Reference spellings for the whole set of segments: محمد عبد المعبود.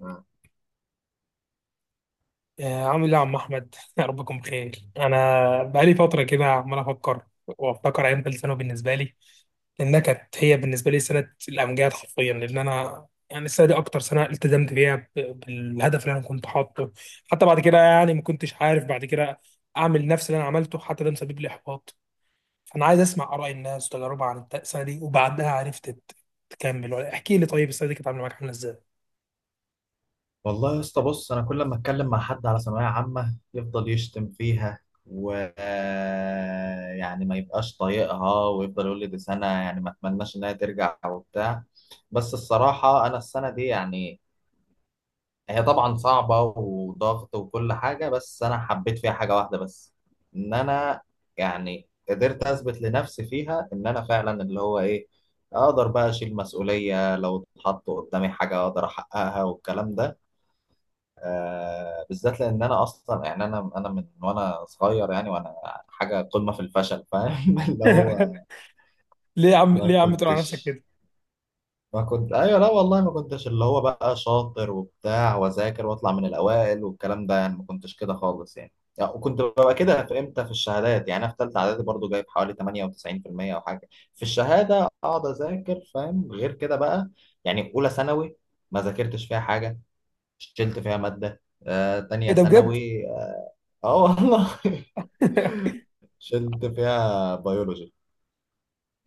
مم. عامل ايه يا عم احمد يا رب تكون بخير. انا بقالي فتره كده عمال افكر وافتكر ايام ثالث ثانوي بالنسبه لي، لانها كانت هي بالنسبه لي سنه الامجاد حرفيا، لان انا يعني السنه دي اكتر سنه التزمت بيها بالهدف اللي انا كنت حاطه. حتى بعد كده يعني ما كنتش عارف بعد كده اعمل نفس اللي انا عملته، حتى ده مسبب لي احباط. فانا عايز اسمع اراء الناس وتجاربها عن السنه دي وبعدها، عرفت تكمل ولا احكي لي طيب السنه دي كانت عامله معاك عامله ازاي؟ والله يا اسطى، بص انا كل ما اتكلم مع حد على ثانويه عامه يفضل يشتم فيها و يعني ما يبقاش طايقها ويفضل يقول لي دي سنه، يعني ما اتمناش انها ترجع وبتاع. بس الصراحه انا السنه دي يعني هي طبعا صعبه وضغط وكل حاجه، بس انا حبيت فيها حاجه واحده بس، ان انا يعني قدرت اثبت لنفسي فيها ان انا فعلا اللي هو ايه، اقدر بقى اشيل مسؤوليه لو اتحط قدامي حاجه اقدر احققها والكلام ده. بالذات لان انا اصلا يعني انا من وانا صغير، يعني وانا حاجه قمه في الفشل، فاهم؟ اللي هو ليه يا عم؟ ما ليه يا عم تقول على نفسك كنتش كده؟ ما كنت ايوه، لا والله ما كنتش اللي هو بقى شاطر وبتاع واذاكر واطلع من الاوائل والكلام ده، يعني ما كنتش كده خالص يعني. يعني وكنت ببقى كده في امتى في الشهادات، يعني انا في ثالثه اعدادي برضو جايب حوالي 98% او حاجه، في الشهاده اقعد اذاكر فاهم غير كده بقى. يعني اولى ثانوي ما ذاكرتش فيها حاجه، شلت فيها ماده. تانية ايه ده بجد؟ ثانوي، اه والله شلت فيها بيولوجي.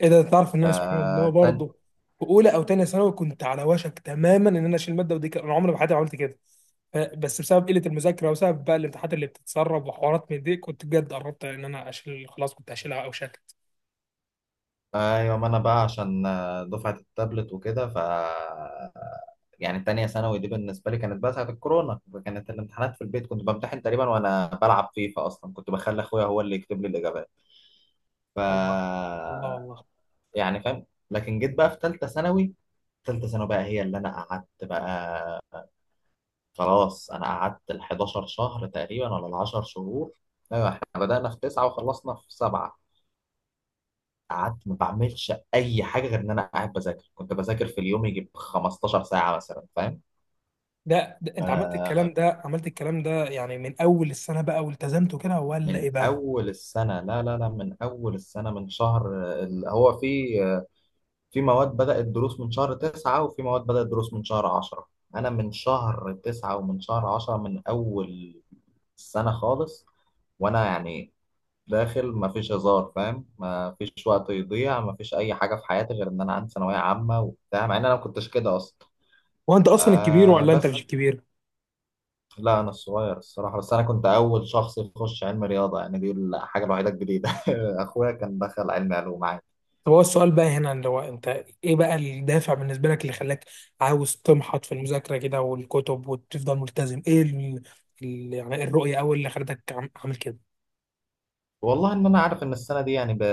ايه ده؟ تعرف ان انا سبحان الله آه تاني، برضه في اولى او تانية ثانوي كنت على وشك تماما ان انا اشيل ماده، ودي انا عمري ما حياتي ما عملت كده. بس بسبب قله المذاكره وبسبب بقى الامتحانات اللي بتتسرب وحوارات من دي، كنت بجد قربت ان انا اشيل، خلاص كنت هشيلها او شكت. ايوه ما انا بقى عشان دفعة التابلت وكده. يعني تانية ثانوي دي بالنسبة لي كانت بقى ساعة الكورونا، كانت الامتحانات في البيت، كنت بمتحن تقريبا وانا بلعب فيفا، اصلا كنت بخلي اخويا هو اللي يكتب لي الاجابات. ف الله. الله والله. يعني فاهم، لكن جيت بقى في تالتة ثانوي. تالتة ثانوي بقى هي اللي انا قعدت بقى خلاص، انا قعدت ال 11 شهر تقريبا ولا ال 10 شهور. ايوه احنا بدأنا في تسعة وخلصنا في سبعة. قعدت ما بعملش اي حاجه غير ان انا قاعد بذاكر، كنت بذاكر في اليوم يجيب 15 ساعه مثلا، فاهم؟ ده انت عملت الكلام آه ده، عملت الكلام ده يعني من اول السنه بقى والتزمت كده ولا ايه من بقى؟ اول السنه، لا لا لا من اول السنه من شهر هو في في مواد بدات دروس من شهر 9 وفي مواد بدات دروس من شهر 10، انا من شهر 9 ومن شهر 10 من اول السنه خالص. وانا يعني داخل ما فيش هزار، فاهم؟ ما فيش وقت يضيع، ما فيش اي حاجه في حياتي غير ان انا عندي ثانويه عامه وبتاع، مع ان انا ما كنتش كده اصلا. هو انت اصلا الكبير آه ولا انت بس، مش الكبير؟ لا انا الصغير الصراحه، بس انا كنت اول شخص يخش علم رياضه، يعني دي الحاجه الوحيده الجديده. اخويا كان دخل علم علوم عادي. طب هو السؤال بقى هنا اللي هو انت، ايه بقى الدافع بالنسبه لك اللي خلاك عاوز تمحط في المذاكره كده والكتب وتفضل ملتزم؟ ايه يعني الرؤيه اول اللي خلتك عامل كده؟ والله ان انا عارف ان السنه دي يعني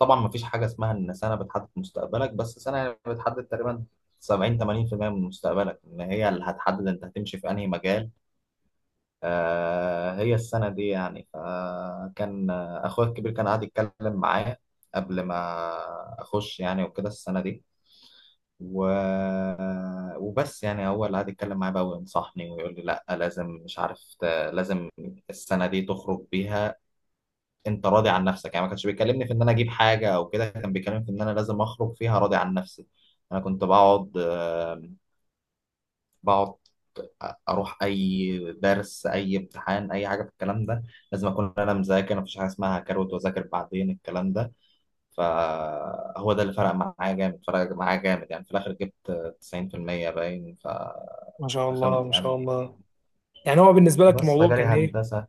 طبعا ما فيش حاجه اسمها ان سنه بتحدد مستقبلك، بس سنه يعني بتحدد تقريبا 70 80% من مستقبلك، ان هي اللي هتحدد انت هتمشي في انهي مجال. آه هي السنه دي يعني، فكان اخويا الكبير كان قاعد يتكلم معايا قبل ما اخش يعني وكده السنه دي، و... وبس يعني هو اللي قعد يتكلم معايا بقى وينصحني ويقول لي لا لازم مش عارف لازم السنه دي تخرج بيها، انت راضي عن نفسك، يعني ما كانش بيكلمني في ان انا اجيب حاجه او كده، كان بيكلمني في ان انا لازم اخرج فيها راضي عن نفسي. انا كنت بقعد اروح اي درس اي امتحان اي حاجه في الكلام ده، لازم اكون انا مذاكر، مفيش حاجه اسمها هكروت واذاكر بعدين الكلام ده. فهو ده اللي فرق معايا جامد، فرق معايا جامد، يعني في الآخر جبت 90% باين، ما شاء الله، فدخلت ما شاء يعني، الله. يعني هو بالنسبه لك بس الموضوع فجالي كان ايه؟ هندسة.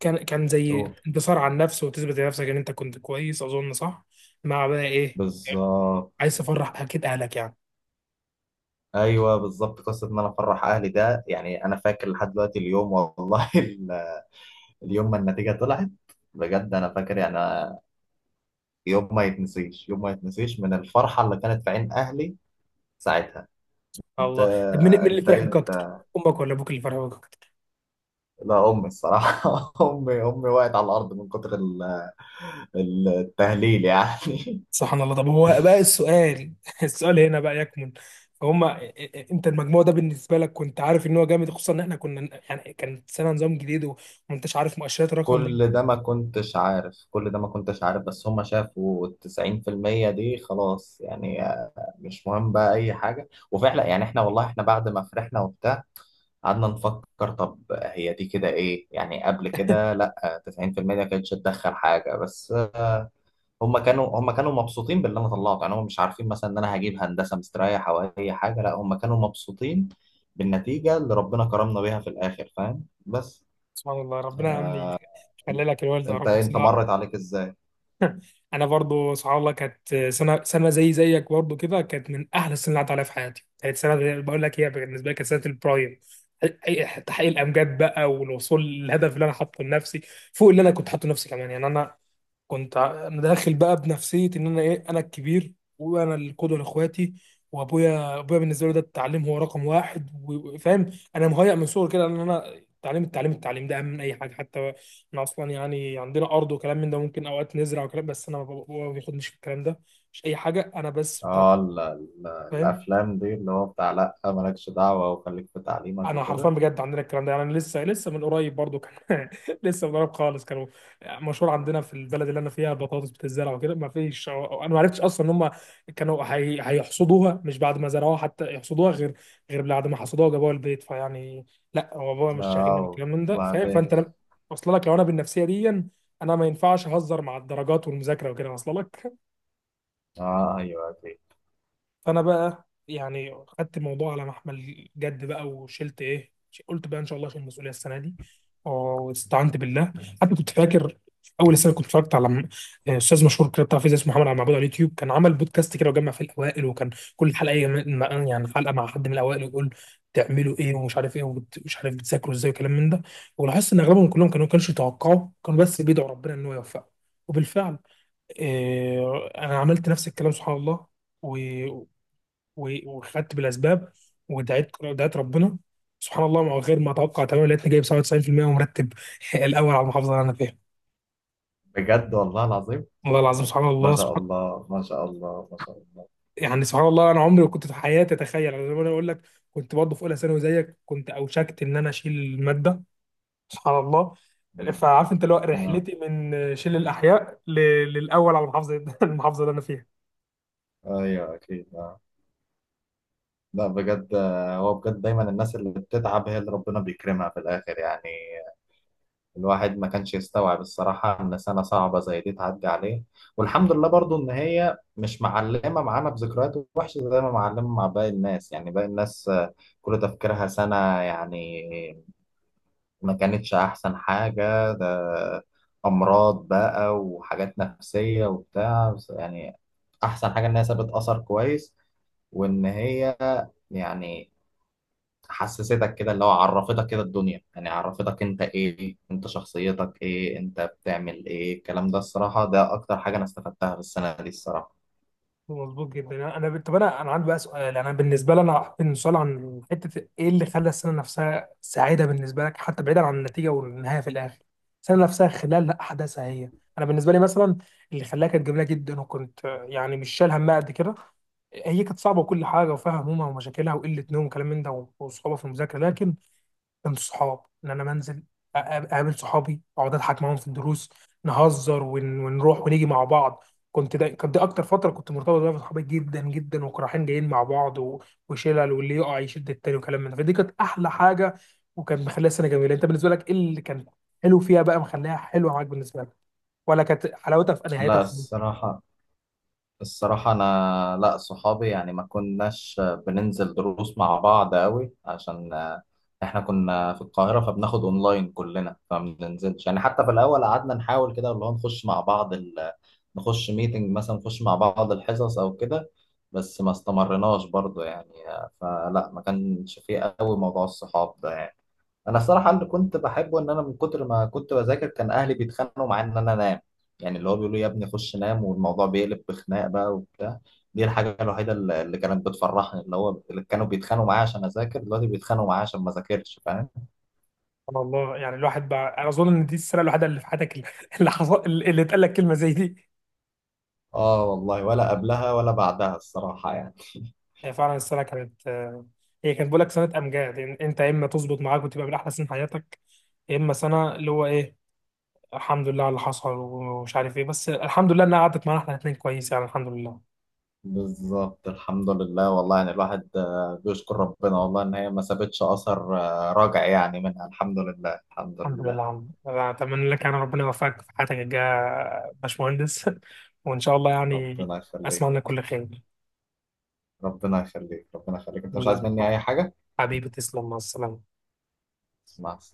كان زي قول انتصار على النفس وتثبت لنفسك ان انت كنت كويس، اظن صح؟ مع بقى ايه؟ بالظبط، عايز تفرح اكيد اهلك يعني. ايوه بالظبط، قصه ان انا افرح اهلي ده، يعني انا فاكر لحد دلوقتي اليوم والله اليوم ما النتيجه طلعت، بجد انا فاكر يعني أنا، يوم ما يتنسيش، يوم ما يتنسيش من الفرحه اللي كانت في عين اهلي ساعتها. انت الله، طب مين؟ مين اللي انت فرح إيه؟ بيك اكتر؟ امك ولا ابوك اللي فرح بيك اكتر؟ لا امي الصراحه امي وقعت على الارض من كتر التهليل يعني. سبحان الله. طب هو بقى السؤال السؤال هنا بقى يكمن فهم، انت المجموع ده بالنسبه لك كنت عارف ان هو جامد؟ خصوصا ان احنا كنا يعني كان سنه نظام جديد وما انتش عارف مؤشرات الرقم ده. كل ده ما كنتش عارف، كل ده ما كنتش عارف، بس هم شافوا التسعين في المية دي خلاص، يعني مش مهم بقى أي حاجة. وفعلا يعني احنا والله، احنا بعد ما فرحنا وبتاع قعدنا نفكر، طب هي دي كده ايه، يعني قبل كده لا تسعين في المية ما كانتش تدخل حاجة، بس هم كانوا مبسوطين باللي أنا طلعته، يعني هم مش عارفين مثلا إن أنا هجيب هندسة مستريح أو أي حاجة، لا هم كانوا مبسوطين بالنتيجة اللي ربنا كرمنا بيها في الآخر، فاهم؟ بس. سبحان الله، ربنا يا عم يخلي انت لك الوالده يا انت رب انت بصراحه. مرت عليك ازاي؟ انا برضو سبحان الله كانت سنه، زي زيك برضو كده، كانت من احلى السنين اللي عدت عليها في حياتي. كانت بقول لك هي بالنسبه لي كانت سنه البرايم، تحقيق الامجاد بقى والوصول للهدف اللي انا حاطه لنفسي، فوق اللي انا كنت حاطه لنفسي كمان. يعني انا كنت انا داخل بقى بنفسيه ان انا ايه، انا الكبير وانا القدوه لاخواتي، وابويا، ابويا بالنسبه له ده التعليم هو رقم واحد وفاهم، انا مهيأ من صغري كده ان انا التعليم التعليم التعليم ده اهم من اي حاجه. حتى احنا اصلا يعني عندنا ارض وكلام من ده، ممكن اوقات نزرع وكلام، بس انا بابا ما بياخدنيش في الكلام ده، مش اي حاجه انا بس بتاع اه تعليم. الافلام دي اللي هو بتاع لا مالكش دعوه وخليك في تعليمك انا حرفيا وكده. بجد عندنا الكلام ده، يعني انا لسه لسه من قريب برضو كان لسه من قريب خالص كانوا مشهور عندنا في البلد اللي انا فيها بطاطس بتتزرع وكده، ما فيش، انا ما عرفتش اصلا ان هم كانوا هيحصدوها، مش بعد ما زرعوها حتى يحصدوها، غير غير بعد ما حصدوها وجابوها البيت، فيعني لا هو بابا مش شاغلني اه بالكلام من ده فاهم. وبعدين. فانت لم- اصل لك، لو انا بالنفسيه دي انا ما ينفعش اهزر مع الدرجات والمذاكره وكده، اصل لك. اه ايوه دي، فانا بقى يعني خدت الموضوع على محمل جد بقى وشلت ايه، قلت بقى ان شاء الله اشيل المسؤوليه السنه دي واستعنت بالله. حتى كنت فاكر في اول السنه كنت اتفرجت على استاذ مشهور كده بتاع فيزياء اسمه محمد عبد المعبود على اليوتيوب، كان عمل بودكاست كده وجمع في الاوائل، وكان كل حلقه يعني حلقه مع حد من الاوائل، ويقول تعملوا ايه ومش عارف ايه ومش عارف بتذاكروا ازاي وكلام من ده. ولاحظت ان اغلبهم كلهم كانوا ما كانوش يتوقعوا، كانوا بس بيدعوا ربنا ان هو يوفقه. وبالفعل انا عملت نفس الكلام سبحان الله، وخدت بالاسباب، دعيت ربنا. سبحان الله، مع غير ما اتوقع تماما، لقيتني جايب 97% ومرتب الاول على المحافظه اللي انا فيها. بجد والله العظيم. والله العظيم، سبحان ما الله شاء سبحان. الله، ما شاء الله، ما شاء الله. يعني سبحان الله، انا عمري ما كنت في حياتي اتخيل، أنا زي ما انا اقول لك كنت برضه في اولى ثانوي زيك، كنت اوشكت ان انا اشيل الماده، سبحان الله. مم. فعارف انت اللي هو آه. رحلتي من شيل الاحياء للاول على المحافظه المحافظه اللي انا فيها. ايوه اكيد آه. لا بجد هو بجد دايما الناس اللي بتتعب هي اللي ربنا بيكرمها في الاخر يعني. الواحد ما كانش يستوعب الصراحة إن سنة صعبة زي دي تعدي عليه. والحمد لله برضو إن هي مش معلمة معانا بذكريات وحشة زي ما معلمة مع باقي الناس، يعني باقي الناس كل تفكيرها سنة، يعني ما كانتش أحسن حاجة، ده أمراض بقى وحاجات نفسية وبتاع، بس يعني أحسن حاجة إن هي سابت أثر كويس، وإن هي يعني حسستك كده اللي هو عرفتك كده الدنيا، يعني عرفتك انت ايه، انت شخصيتك ايه، انت بتعمل ايه، الكلام ده الصراحة ده اكتر حاجة انا استفدتها في السنة دي الصراحة. مظبوط جدا. انا طب انا، انا عندي بقى سؤال، انا بالنسبه لي، انا هحط سؤال عن حته ايه اللي خلى السنه نفسها سعيده بالنسبه لك، حتى بعيدا عن النتيجه والنهايه في الاخر، السنه نفسها خلال احداثها هي. انا بالنسبه لي مثلا اللي خلاها كانت جميله جدا، وكنت يعني مش شايل همها قد كده، هي كانت صعبه وكل حاجه وفيها همومها ومشاكلها وقله نوم وكلام من ده وصعوبه في المذاكره، لكن من الصحاب ان انا منزل اقابل صحابي، اقعد اضحك معاهم في الدروس، نهزر ونروح ونيجي مع بعض. كنت ده كانت دي اكتر فتره كنت مرتبط بيها بصحابي جدا جدا، وكنا رايحين جايين مع بعض وشلل واللي يقع يشد التاني وكلام من ده، فدي كانت احلى حاجه وكان مخليها سنه جميله. انت بالنسبه لك ايه اللي كان حلو فيها بقى مخليها حلوه معاك بالنسبه لك؟ ولا كانت حلاوتها في نهايتها لا خالص؟ الصراحة، الصراحة انا، لا صحابي يعني ما كناش بننزل دروس مع بعض قوي عشان احنا كنا في القاهرة، فبناخد اونلاين كلنا، فما بننزلش يعني، حتى في الاول قعدنا نحاول كده اللي هو نخش مع بعض، نخش ميتنج مثلا، نخش مع بعض الحصص او كده، بس ما استمرناش برضو يعني، فلا ما كانش فيه قوي موضوع الصحاب ده يعني. انا الصراحه اللي كنت بحبه ان انا من كتر ما كنت بذاكر كان اهلي بيتخانقوا معايا ان انا انام، يعني اللي هو بيقولوا يا ابني خش نام، والموضوع بيقلب بخناق بقى وبتاع. دي الحاجه الوحيده اللي كانت بتفرحني، اللي هو اللي كانوا بيتخانقوا معايا عشان اذاكر دلوقتي بيتخانقوا معايا عشان ما اذاكرش، فاهم؟ سبحان الله. يعني الواحد بقى، انا اظن ان دي السنه الوحيده اللي في حياتك اللي اللي حصل اللي اتقال لك كلمه زي دي. اه والله، ولا قبلها ولا بعدها الصراحه يعني. هي فعلا السنه كانت هي كانت بقول لك سنه امجاد، يعني انت يا اما تظبط معاك وتبقى من احلى سنين حياتك، يا اما سنه اللي هو ايه، الحمد لله على اللي حصل ومش عارف ايه. بس الحمد لله انها قعدت معانا احنا الاثنين كويس، يعني الحمد لله. بالظبط الحمد لله والله، يعني الواحد بيشكر ربنا والله ان هي ما سابتش اثر راجع يعني منها، الحمد لله، الحمد الحمد لله يا لله. عم، أنا اتمنى لك يعني ربنا يوفقك في حياتك الجايه يا باشمهندس وان شاء الله يعني ربنا اسمع يخليك، لك كل خير. ربنا يخليك، ربنا يخليك، انت مش عايز يلا، مني اي حاجة؟ حبيبي تسلم، مع السلامه. اسمع